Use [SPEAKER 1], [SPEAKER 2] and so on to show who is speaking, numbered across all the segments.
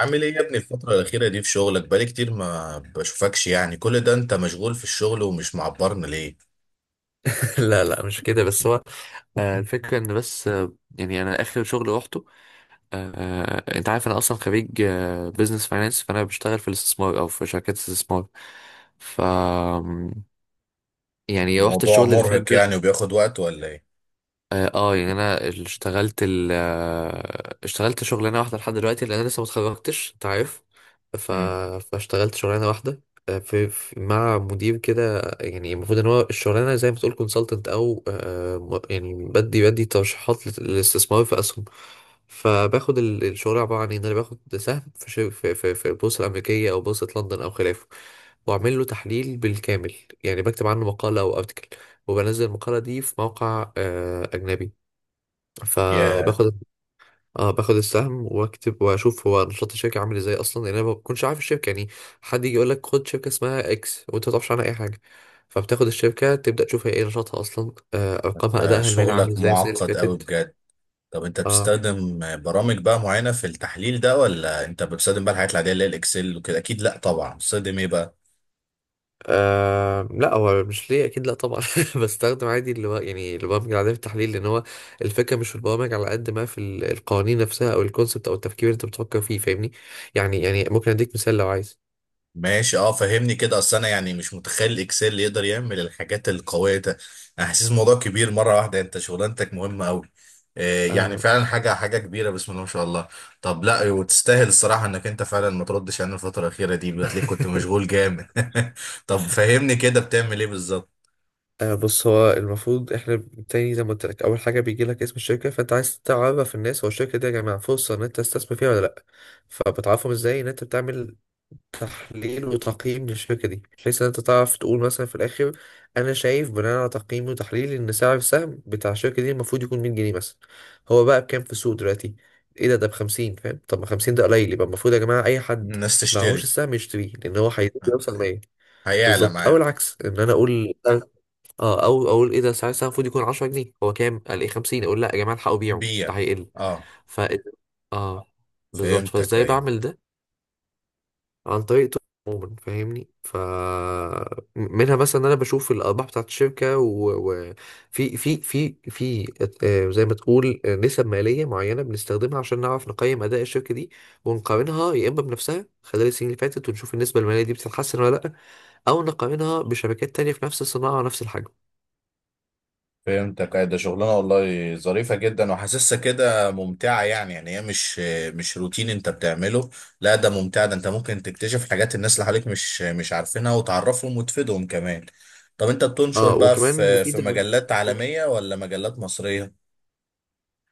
[SPEAKER 1] عامل ايه يا ابني الفترة الأخيرة دي في شغلك، بقالي كتير ما بشوفكش، يعني كل ده انت مشغول في الشغل ومش معبرنا ليه؟
[SPEAKER 2] لا، مش كده، بس هو. الفكرة ان، بس يعني انا اخر شغل روحته. انت عارف انا اصلا خريج بزنس فاينانس، فانا بشتغل في الاستثمار او في شركات استثمار. ف، يعني رحت
[SPEAKER 1] الموضوع
[SPEAKER 2] الشغل اللي فات
[SPEAKER 1] مرهق يعني
[SPEAKER 2] ده.
[SPEAKER 1] وبياخد وقت ولا ايه؟
[SPEAKER 2] اه، يعني انا اشتغلت اشتغلت شغلانه واحده لحد دلوقتي، لان انا لسه ما اتخرجتش، انت عارف. ف...
[SPEAKER 1] مم.
[SPEAKER 2] فاشتغلت شغلانه واحده، في مع مدير كده، يعني المفروض ان هو الشغلانه زي ما تقول كونسلتنت، او يعني بدي ترشيحات للاستثمار في اسهم. فباخد الشغل عباره عن ان انا باخد سهم في البورصه الامريكيه او بورصه لندن او خلافه، واعمل له تحليل بالكامل. يعني بكتب عنه مقاله او ارتكل، وبنزل المقالة دي في موقع أجنبي.
[SPEAKER 1] يا،
[SPEAKER 2] فباخد، اه، باخد السهم واكتب واشوف هو نشاط الشركه عامل ازاي اصلا، لان انا ما بكونش عارف الشركه يعني. حد يجي يقول لك خد شركه اسمها اكس وانت ما تعرفش عنها اي حاجه. فبتاخد الشركه تبدا تشوف هي ايه نشاطها اصلا، ارقامها،
[SPEAKER 1] ده
[SPEAKER 2] ادائها المالي عامل
[SPEAKER 1] شغلك
[SPEAKER 2] ازاي السنه اللي
[SPEAKER 1] معقد قوي
[SPEAKER 2] فاتت.
[SPEAKER 1] بجد. طب انت
[SPEAKER 2] اه،
[SPEAKER 1] بتستخدم برامج بقى معينة في التحليل ده، ولا انت بتستخدم بقى الحاجات العادية اللي هي الإكسل وكده؟ أكيد لأ، طبعا بتستخدم ايه بقى؟
[SPEAKER 2] آه، لا هو مش ليه، اكيد لا طبعا. بستخدم عادي اللي هو يعني البرامج العاديه في التحليل، لان هو الفكره مش في البرامج على قد ما في القوانين نفسها او الكونسبت او التفكير اللي انت بتفكر فيه، فاهمني؟ يعني، يعني ممكن اديك مثال لو عايز.
[SPEAKER 1] ماشي، اه فهمني كده، اصل انا يعني مش متخيل الاكسل اللي يقدر يعمل الحاجات القويه ده. انا حاسس الموضوع كبير مره واحده، انت شغلانتك مهمه قوي. يعني
[SPEAKER 2] آه.
[SPEAKER 1] فعلا حاجه حاجه كبيره، بسم الله ما شاء الله. طب لا، وتستاهل الصراحه انك انت فعلا ما تردش علينا الفتره الاخيره دي، بتلاقيك كنت مشغول جامد. طب فهمني كده، بتعمل ايه بالظبط؟
[SPEAKER 2] آه، بص، هو المفروض احنا، تاني زي ما قلت لك، اول حاجه بيجي لك اسم الشركه، فانت عايز تعرف الناس هو الشركه دي يا جماعه فرصه ان انت تستثمر فيها ولا لا. فبتعرفهم ازاي ان انت بتعمل تحليل وتقييم للشركة دي، بحيث ان انت تعرف تقول مثلا في الاخر: انا شايف بناء على تقييمي وتحليلي ان سعر السهم بتاع الشركة دي المفروض يكون 100 جنيه مثلا، هو بقى بكام في السوق دلوقتي؟ ايه ده ب 50؟ فاهم؟ طب ما 50 ده قليل، يبقى المفروض يا جماعة اي حد
[SPEAKER 1] الناس
[SPEAKER 2] معهوش
[SPEAKER 1] تشتري.
[SPEAKER 2] السهم يشتريه لان هو هيزيد
[SPEAKER 1] آه،
[SPEAKER 2] يوصل 100.
[SPEAKER 1] هيعلى
[SPEAKER 2] بالظبط. او
[SPEAKER 1] معايا.
[SPEAKER 2] العكس، ان انا اقول، اه، او اقول ايه ده؟ سعر السهم المفروض يكون 10 جنيه، هو كام؟ قال ايه؟ 50. اقول لا يا جماعة الحقوا بيعوا، ده
[SPEAKER 1] بيع.
[SPEAKER 2] هيقل.
[SPEAKER 1] اه،
[SPEAKER 2] ف، اه، بالظبط.
[SPEAKER 1] فهمتك
[SPEAKER 2] فازاي
[SPEAKER 1] ايوه.
[SPEAKER 2] بعمل ده؟ عن طريق، عموما فاهمني، ف، منها مثلا إن انا بشوف الارباح بتاعت الشركه، وفي في في في في زي ما تقول نسب ماليه معينه بنستخدمها عشان نعرف نقيم اداء الشركه دي، ونقارنها يا اما بنفسها خلال السنين اللي فاتت ونشوف النسبه الماليه دي بتتحسن ولا لا، او نقارنها بشركات تانية في نفس الصناعه ونفس الحجم.
[SPEAKER 1] فهمتك، أي ده شغلانه والله ظريفه جدا وحاسسها كده ممتعه، يعني هي مش روتين انت بتعمله. لا، ده ممتع، ده انت ممكن تكتشف حاجات الناس اللي حواليك مش عارفينها، وتعرفهم وتفيدهم كمان. طب انت بتنشر
[SPEAKER 2] اه
[SPEAKER 1] بقى
[SPEAKER 2] وكمان
[SPEAKER 1] في
[SPEAKER 2] مفيده.
[SPEAKER 1] مجلات عالميه ولا مجلات مصريه؟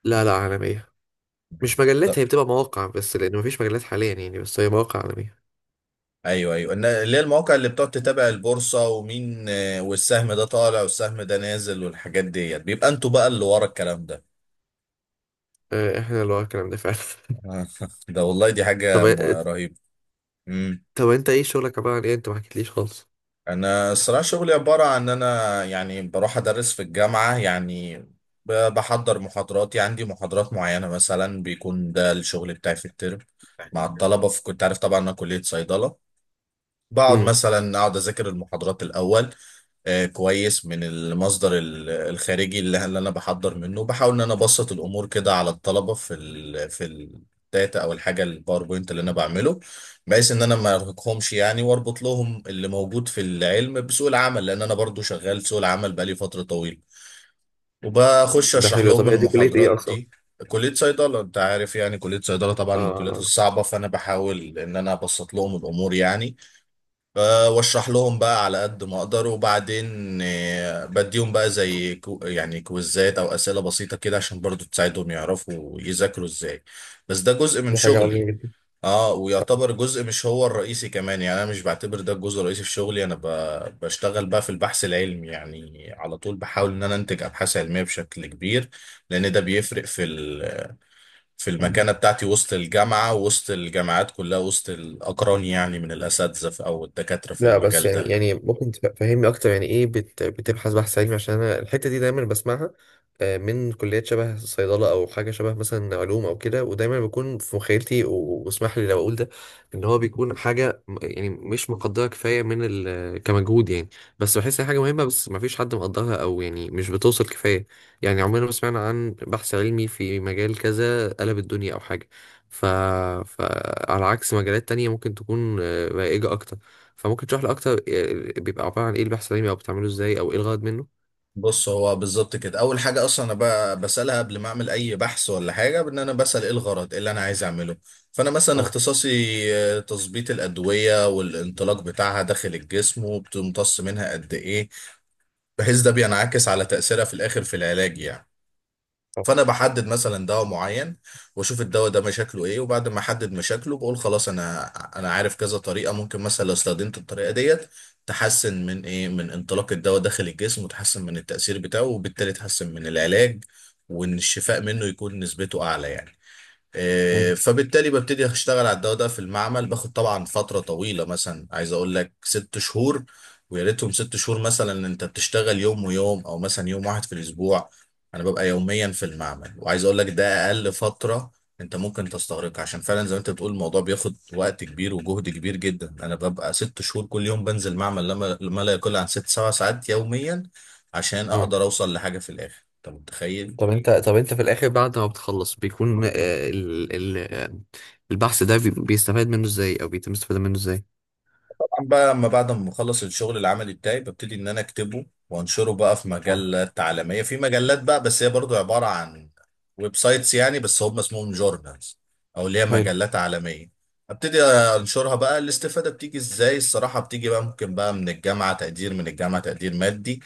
[SPEAKER 2] لا، عالميه، مش مجلات،
[SPEAKER 1] طب
[SPEAKER 2] هي بتبقى مواقع بس لان مفيش مجلات حاليا يعني، بس هي مواقع عالميه.
[SPEAKER 1] ايوه ايوه، اللي هي المواقع اللي بتقعد تتابع البورصه ومين، والسهم ده طالع والسهم ده نازل والحاجات ديت، بيبقى انتوا بقى اللي ورا الكلام ده.
[SPEAKER 2] احنا اللي ورا الكلام ده فعلا.
[SPEAKER 1] ده والله دي
[SPEAKER 2] طب،
[SPEAKER 1] حاجه رهيبه.
[SPEAKER 2] طب انت ايه شغلك عبارة عن ايه؟ انت ما حكيتليش خالص.
[SPEAKER 1] انا الصراحه شغلي عباره عن ان انا يعني بروح ادرس في الجامعه يعني، بحضر محاضراتي، عندي محاضرات معينه مثلا بيكون ده الشغل بتاعي في الترم مع الطلبه، في كنت عارف طبعا انا كليه صيدله. بقعد
[SPEAKER 2] امم.
[SPEAKER 1] مثلا اقعد اذاكر المحاضرات الاول، كويس، من المصدر الخارجي اللي انا بحضر منه، بحاول ان انا ابسط الامور كده على الطلبه في الداتا او الحاجه الباوربوينت اللي انا بعمله، بحيث ان انا ما ارهقهمش يعني، واربط لهم اللي موجود في العلم بسوق العمل، لان انا برضو شغال في سوق العمل بقالي فتره طويله، وبخش
[SPEAKER 2] ده
[SPEAKER 1] اشرح
[SPEAKER 2] حلو،
[SPEAKER 1] لهم
[SPEAKER 2] طب هي دي كلية ايه
[SPEAKER 1] المحاضرات
[SPEAKER 2] اصلا؟
[SPEAKER 1] دي. كليه صيدله، انت عارف يعني كليه صيدله طبعا من الكليات
[SPEAKER 2] اه.
[SPEAKER 1] الصعبه، فانا بحاول ان انا ابسط لهم الامور يعني. واشرح لهم بقى على قد ما اقدر، وبعدين بديهم بقى زي يعني كويزات او اسئله بسيطه كده عشان برضو تساعدهم يعرفوا يذاكروا ازاي. بس ده جزء من
[SPEAKER 2] دي حاجة عظيمة
[SPEAKER 1] شغلي.
[SPEAKER 2] جدا.
[SPEAKER 1] اه، ويعتبر جزء، مش هو الرئيسي كمان، يعني انا مش بعتبر ده الجزء الرئيسي في شغلي، بشتغل بقى في البحث العلمي، يعني على طول بحاول ان انا انتج ابحاث علميه بشكل كبير، لان ده بيفرق في المكانة بتاعتي وسط الجامعة، وسط الجامعات كلها، وسط الأقران، يعني من الأساتذة أو الدكاترة في
[SPEAKER 2] لا بس
[SPEAKER 1] المجال
[SPEAKER 2] يعني،
[SPEAKER 1] ده.
[SPEAKER 2] يعني ممكن تفهمني اكتر؟ يعني ايه بتبحث بحث علمي؟ عشان انا الحته دي دايما بسمعها من كليات شبه صيدله او حاجه شبه مثلا علوم او كده، ودايما بيكون في مخيلتي واسمح لي لو اقول ده، ان هو بيكون حاجه يعني مش مقدره كفايه من ال كمجهود يعني، بس بحس ان هي حاجه مهمه بس ما فيش حد مقدرها، او يعني مش بتوصل كفايه. يعني عمرنا ما سمعنا عن بحث علمي في مجال كذا قلب الدنيا او حاجه. ف... فعلى عكس مجالات تانية ممكن تكون رائجة أكتر. فممكن تشرح لي اكتر بيبقى عباره عن ايه البحث العلمي او بتعمله ازاي او ايه الغرض منه؟
[SPEAKER 1] بص، هو بالظبط كده، أول حاجة أصلا أنا بسألها قبل ما أعمل أي بحث ولا حاجة، بإن أنا بسأل إيه الغرض، إيه اللي أنا عايز أعمله. فأنا مثلا
[SPEAKER 2] اه.
[SPEAKER 1] اختصاصي تظبيط الأدوية والانطلاق بتاعها داخل الجسم، وبتمتص منها قد إيه، بحيث ده بينعكس على تأثيرها في الآخر في العلاج يعني.
[SPEAKER 2] آه.
[SPEAKER 1] فانا بحدد مثلا دواء معين، واشوف الدواء ده مشاكله ايه، وبعد ما احدد مشاكله بقول خلاص انا عارف كذا طريقه ممكن، مثلا لو استخدمت الطريقه ديت تحسن من ايه، من انطلاق الدواء داخل الجسم، وتحسن من التاثير بتاعه، وبالتالي تحسن من العلاج، وان الشفاء منه يكون نسبته اعلى يعني.
[SPEAKER 2] مم.
[SPEAKER 1] فبالتالي ببتدي اشتغل على الدواء ده في المعمل، باخد طبعا فترة طويلة، مثلا عايز اقول لك 6 شهور. ويا ريتهم 6 شهور، مثلا إن انت بتشتغل يوم ويوم، او مثلا يوم واحد في الاسبوع. انا ببقى يوميا في المعمل، وعايز اقول لك ده اقل فترة انت ممكن تستغرقها، عشان فعلا زي ما انت بتقول الموضوع بياخد وقت كبير وجهد كبير جدا. انا ببقى 6 شهور كل يوم بنزل معمل لما ما لا يقل عن 6-7 ساعات يوميا، عشان
[SPEAKER 2] اه.
[SPEAKER 1] اقدر اوصل لحاجة في الاخر، انت متخيل.
[SPEAKER 2] طب انت، في الاخر بعد ما بتخلص بيكون ال البحث ده بيستفاد منه ازاي، او بيتم استفادة منه ازاي؟
[SPEAKER 1] طبعا بقى لما بعد ما بخلص الشغل العملي بتاعي، ببتدي ان انا اكتبه وانشره بقى في
[SPEAKER 2] اه.
[SPEAKER 1] مجلات عالميه، في مجلات بقى بس هي برضو عباره عن ويب سايتس يعني، بس هم اسمهم جورنالز، او اللي هي
[SPEAKER 2] حلو.
[SPEAKER 1] مجلات عالميه. ابتدي انشرها بقى، الاستفاده بتيجي ازاي؟ الصراحه بتيجي بقى ممكن بقى من الجامعه، تقدير من الجامعه، تقدير مادي.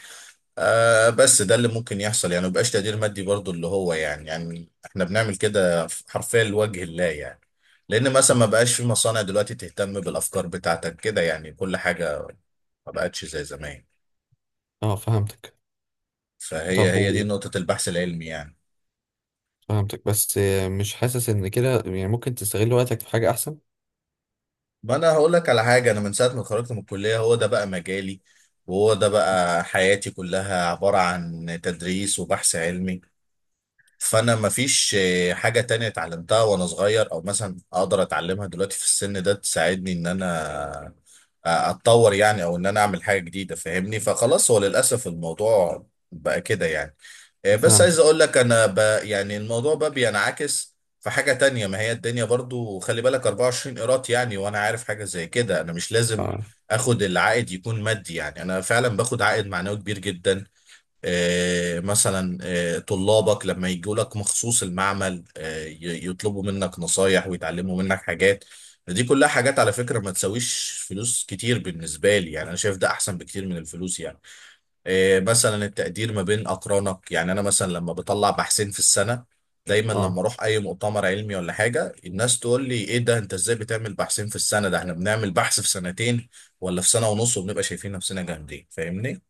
[SPEAKER 1] آه، بس ده اللي ممكن يحصل يعني، مبقاش تقدير مادي برضو، اللي هو يعني احنا بنعمل كده حرفيا لوجه الله يعني، لان مثلا ما بقاش في مصانع دلوقتي تهتم بالافكار بتاعتك كده، يعني كل حاجة ما بقتش زي زمان.
[SPEAKER 2] اه فهمتك.
[SPEAKER 1] فهي
[SPEAKER 2] طب
[SPEAKER 1] هي دي
[SPEAKER 2] و...،
[SPEAKER 1] نقطة البحث العلمي يعني.
[SPEAKER 2] فهمتك، بس مش حاسس ان كده يعني ممكن تستغل وقتك في حاجة احسن؟
[SPEAKER 1] ما انا هقول لك على حاجة، انا من ساعة ما خرجت من الكلية هو ده بقى مجالي، وهو ده بقى حياتي كلها عبارة عن تدريس وبحث علمي. فانا مفيش حاجة تانية اتعلمتها وانا صغير، او مثلا اقدر اتعلمها دلوقتي في السن ده تساعدني ان انا اتطور يعني، او ان انا اعمل حاجة جديدة، فاهمني؟ فخلاص هو للاسف الموضوع بقى كده يعني. بس عايز
[SPEAKER 2] فهمتك
[SPEAKER 1] اقول لك يعني الموضوع بقى بينعكس في حاجة تانية، ما هي الدنيا برضو خلي بالك 24 قيراط يعني، وانا عارف حاجة زي كده، انا مش لازم
[SPEAKER 2] اه.
[SPEAKER 1] اخد العائد يكون مادي، يعني انا فعلا باخد عائد معنوي كبير جدا. مثلا طلابك لما يجوا لك مخصوص المعمل، يطلبوا منك نصايح ويتعلموا منك حاجات، دي كلها حاجات على فكرة ما تساويش فلوس كتير بالنسبة لي، يعني أنا شايف ده أحسن بكتير من الفلوس يعني. مثلا التقدير ما بين أقرانك، يعني أنا مثلا لما بطلع بحثين في السنة، دايما لما
[SPEAKER 2] اه
[SPEAKER 1] أروح أي مؤتمر علمي ولا حاجة الناس تقول لي إيه ده، أنت إزاي بتعمل بحثين في السنة، ده إحنا بنعمل بحث في سنتين ولا في سنة ونص، وبنبقى شايفين نفسنا جامدين، فاهمني؟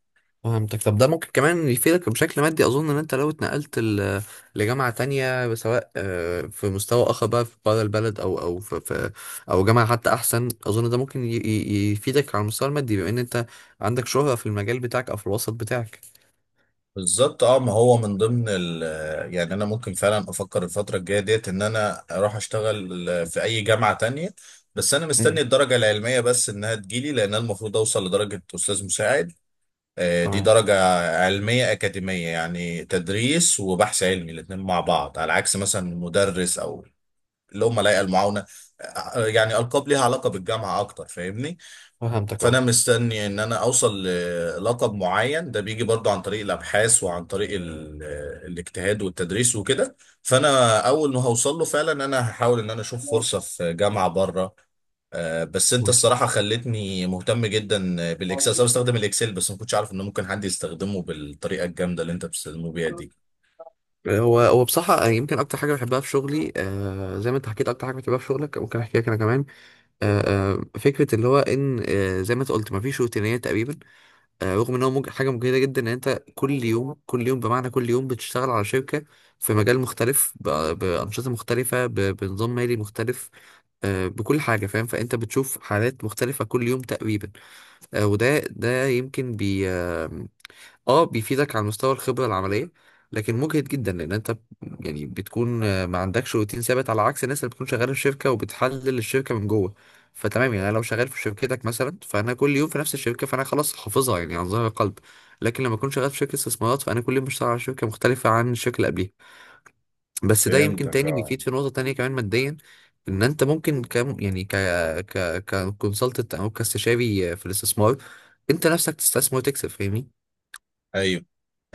[SPEAKER 2] فهمتك. طب ده ممكن كمان يفيدك بشكل مادي، اظن ان انت لو اتنقلت لجامعه تانية، سواء في مستوى اخر بقى في بره البلد، او او جامعه حتى احسن، اظن ده ممكن يفيدك على المستوى المادي، بما ان انت عندك شهره في المجال بتاعك او في الوسط بتاعك.
[SPEAKER 1] بالظبط اه، ما هو من ضمن يعني انا ممكن فعلا افكر الفتره الجايه ديت ان انا اروح اشتغل في اي جامعه تانية، بس انا مستني
[SPEAKER 2] امم.
[SPEAKER 1] الدرجه العلميه بس انها تجيلي، لان أنا المفروض اوصل لدرجه استاذ مساعد. دي
[SPEAKER 2] تمام.
[SPEAKER 1] درجه علميه اكاديميه، يعني تدريس وبحث علمي الاثنين مع بعض، على عكس مثلا مدرس او اللي هم لايقه المعاونه، يعني القاب ليها علاقه بالجامعه اكتر فاهمني.
[SPEAKER 2] فهمتك
[SPEAKER 1] فانا
[SPEAKER 2] اه.
[SPEAKER 1] مستني ان انا اوصل للقب معين، ده بيجي برضو عن طريق الابحاث وعن طريق الاجتهاد والتدريس وكده، فانا اول ما هوصل له فعلا انا هحاول ان انا اشوف فرصة في جامعة بره. بس انت
[SPEAKER 2] فهمتك.
[SPEAKER 1] الصراحة خلتني مهتم جدا بالاكسل، انا بستخدم الاكسل بس ما كنتش عارف ان ممكن حد يستخدمه بالطريقة الجامدة اللي انت بتستخدمه بيها دي.
[SPEAKER 2] هو هو بصراحة يمكن أكتر حاجة بحبها في شغلي، آه زي ما أنت حكيت أكتر حاجة بتحبها في شغلك ممكن أحكيها أنا كمان. آه. آه، فكرة اللي هو إن، آه زي ما أنت قلت، مفيش روتينية تقريبا. رغم ان هو حاجه مجهده جدا، ان انت كل يوم بمعنى كل يوم بتشتغل على شركه في مجال مختلف، بانشطه مختلفه، بنظام مالي مختلف، بكل حاجه فاهم. فانت بتشوف حالات مختلفه كل يوم تقريبا، وده يمكن اه بيفيدك على مستوى الخبرة العملية. لكن مجهد جدا لان انت يعني بتكون ما عندكش روتين ثابت، على عكس الناس اللي بتكون شغالة في شركة وبتحلل الشركة من جوه. فتمام، يعني انا لو شغال في شركتك مثلا فانا كل يوم في نفس الشركة فانا خلاص حافظها يعني عن ظهر قلب، لكن لما اكون شغال في شركة استثمارات فانا كل يوم بشتغل على شركة مختلفة عن الشركة اللي قبليها. بس ده يمكن
[SPEAKER 1] فهمتك
[SPEAKER 2] تاني
[SPEAKER 1] اه،
[SPEAKER 2] بيفيد في نقطة تانية كمان ماديا، ان انت ممكن، كم يعني، ك ك ككونسلتنت او كاستشاري في الاستثمار، انت نفسك تستثمر وتكسب، فاهمني؟
[SPEAKER 1] ايوه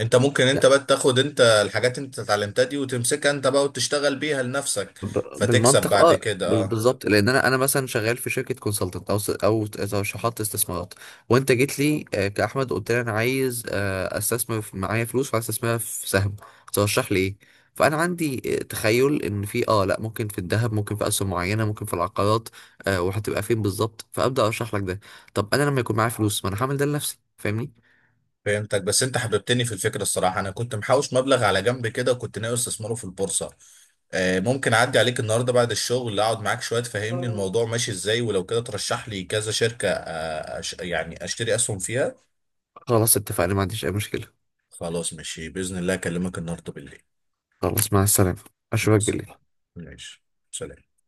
[SPEAKER 1] انت ممكن انت بقى تاخد انت الحاجات انت اتعلمتها دي وتمسكها انت بقى وتشتغل بيها لنفسك، فتكسب
[SPEAKER 2] بالمنطق
[SPEAKER 1] بعد
[SPEAKER 2] اه.
[SPEAKER 1] كده اه.
[SPEAKER 2] بالظبط، لان انا مثلا شغال في شركه كونسلتنت او او ترشيحات استثمارات، وانت جيت لي كاحمد قلت لي انا عايز استثمر معايا فلوس وعايز استثمرها في سهم، ترشح لي ايه؟ فانا عندي تخيل ان في، اه لا، ممكن في الذهب، ممكن في اسهم معينه، ممكن في العقارات، وهتبقى فين بالظبط، فابدا ارشح لك ده. طب انا لما يكون معايا فلوس ما انا هعمل ده لنفسي، فاهمني؟
[SPEAKER 1] فهمتك، بس انت حببتني في الفكره الصراحه، انا كنت محوش مبلغ على جنب كده وكنت ناوي استثمره في البورصه. ممكن اعدي عليك النهارده بعد الشغل، اقعد معاك شويه تفهمني الموضوع ماشي ازاي، ولو كده ترشح لي كذا شركه، يعني اشتري اسهم فيها.
[SPEAKER 2] خلاص اتفقنا، ما عنديش اي مشكله.
[SPEAKER 1] خلاص ماشي، باذن الله اكلمك النهارده بالليل.
[SPEAKER 2] خلاص، مع السلامه،
[SPEAKER 1] مع
[SPEAKER 2] اشوفك
[SPEAKER 1] السلامة.
[SPEAKER 2] بالليل.
[SPEAKER 1] ماشي. سلام.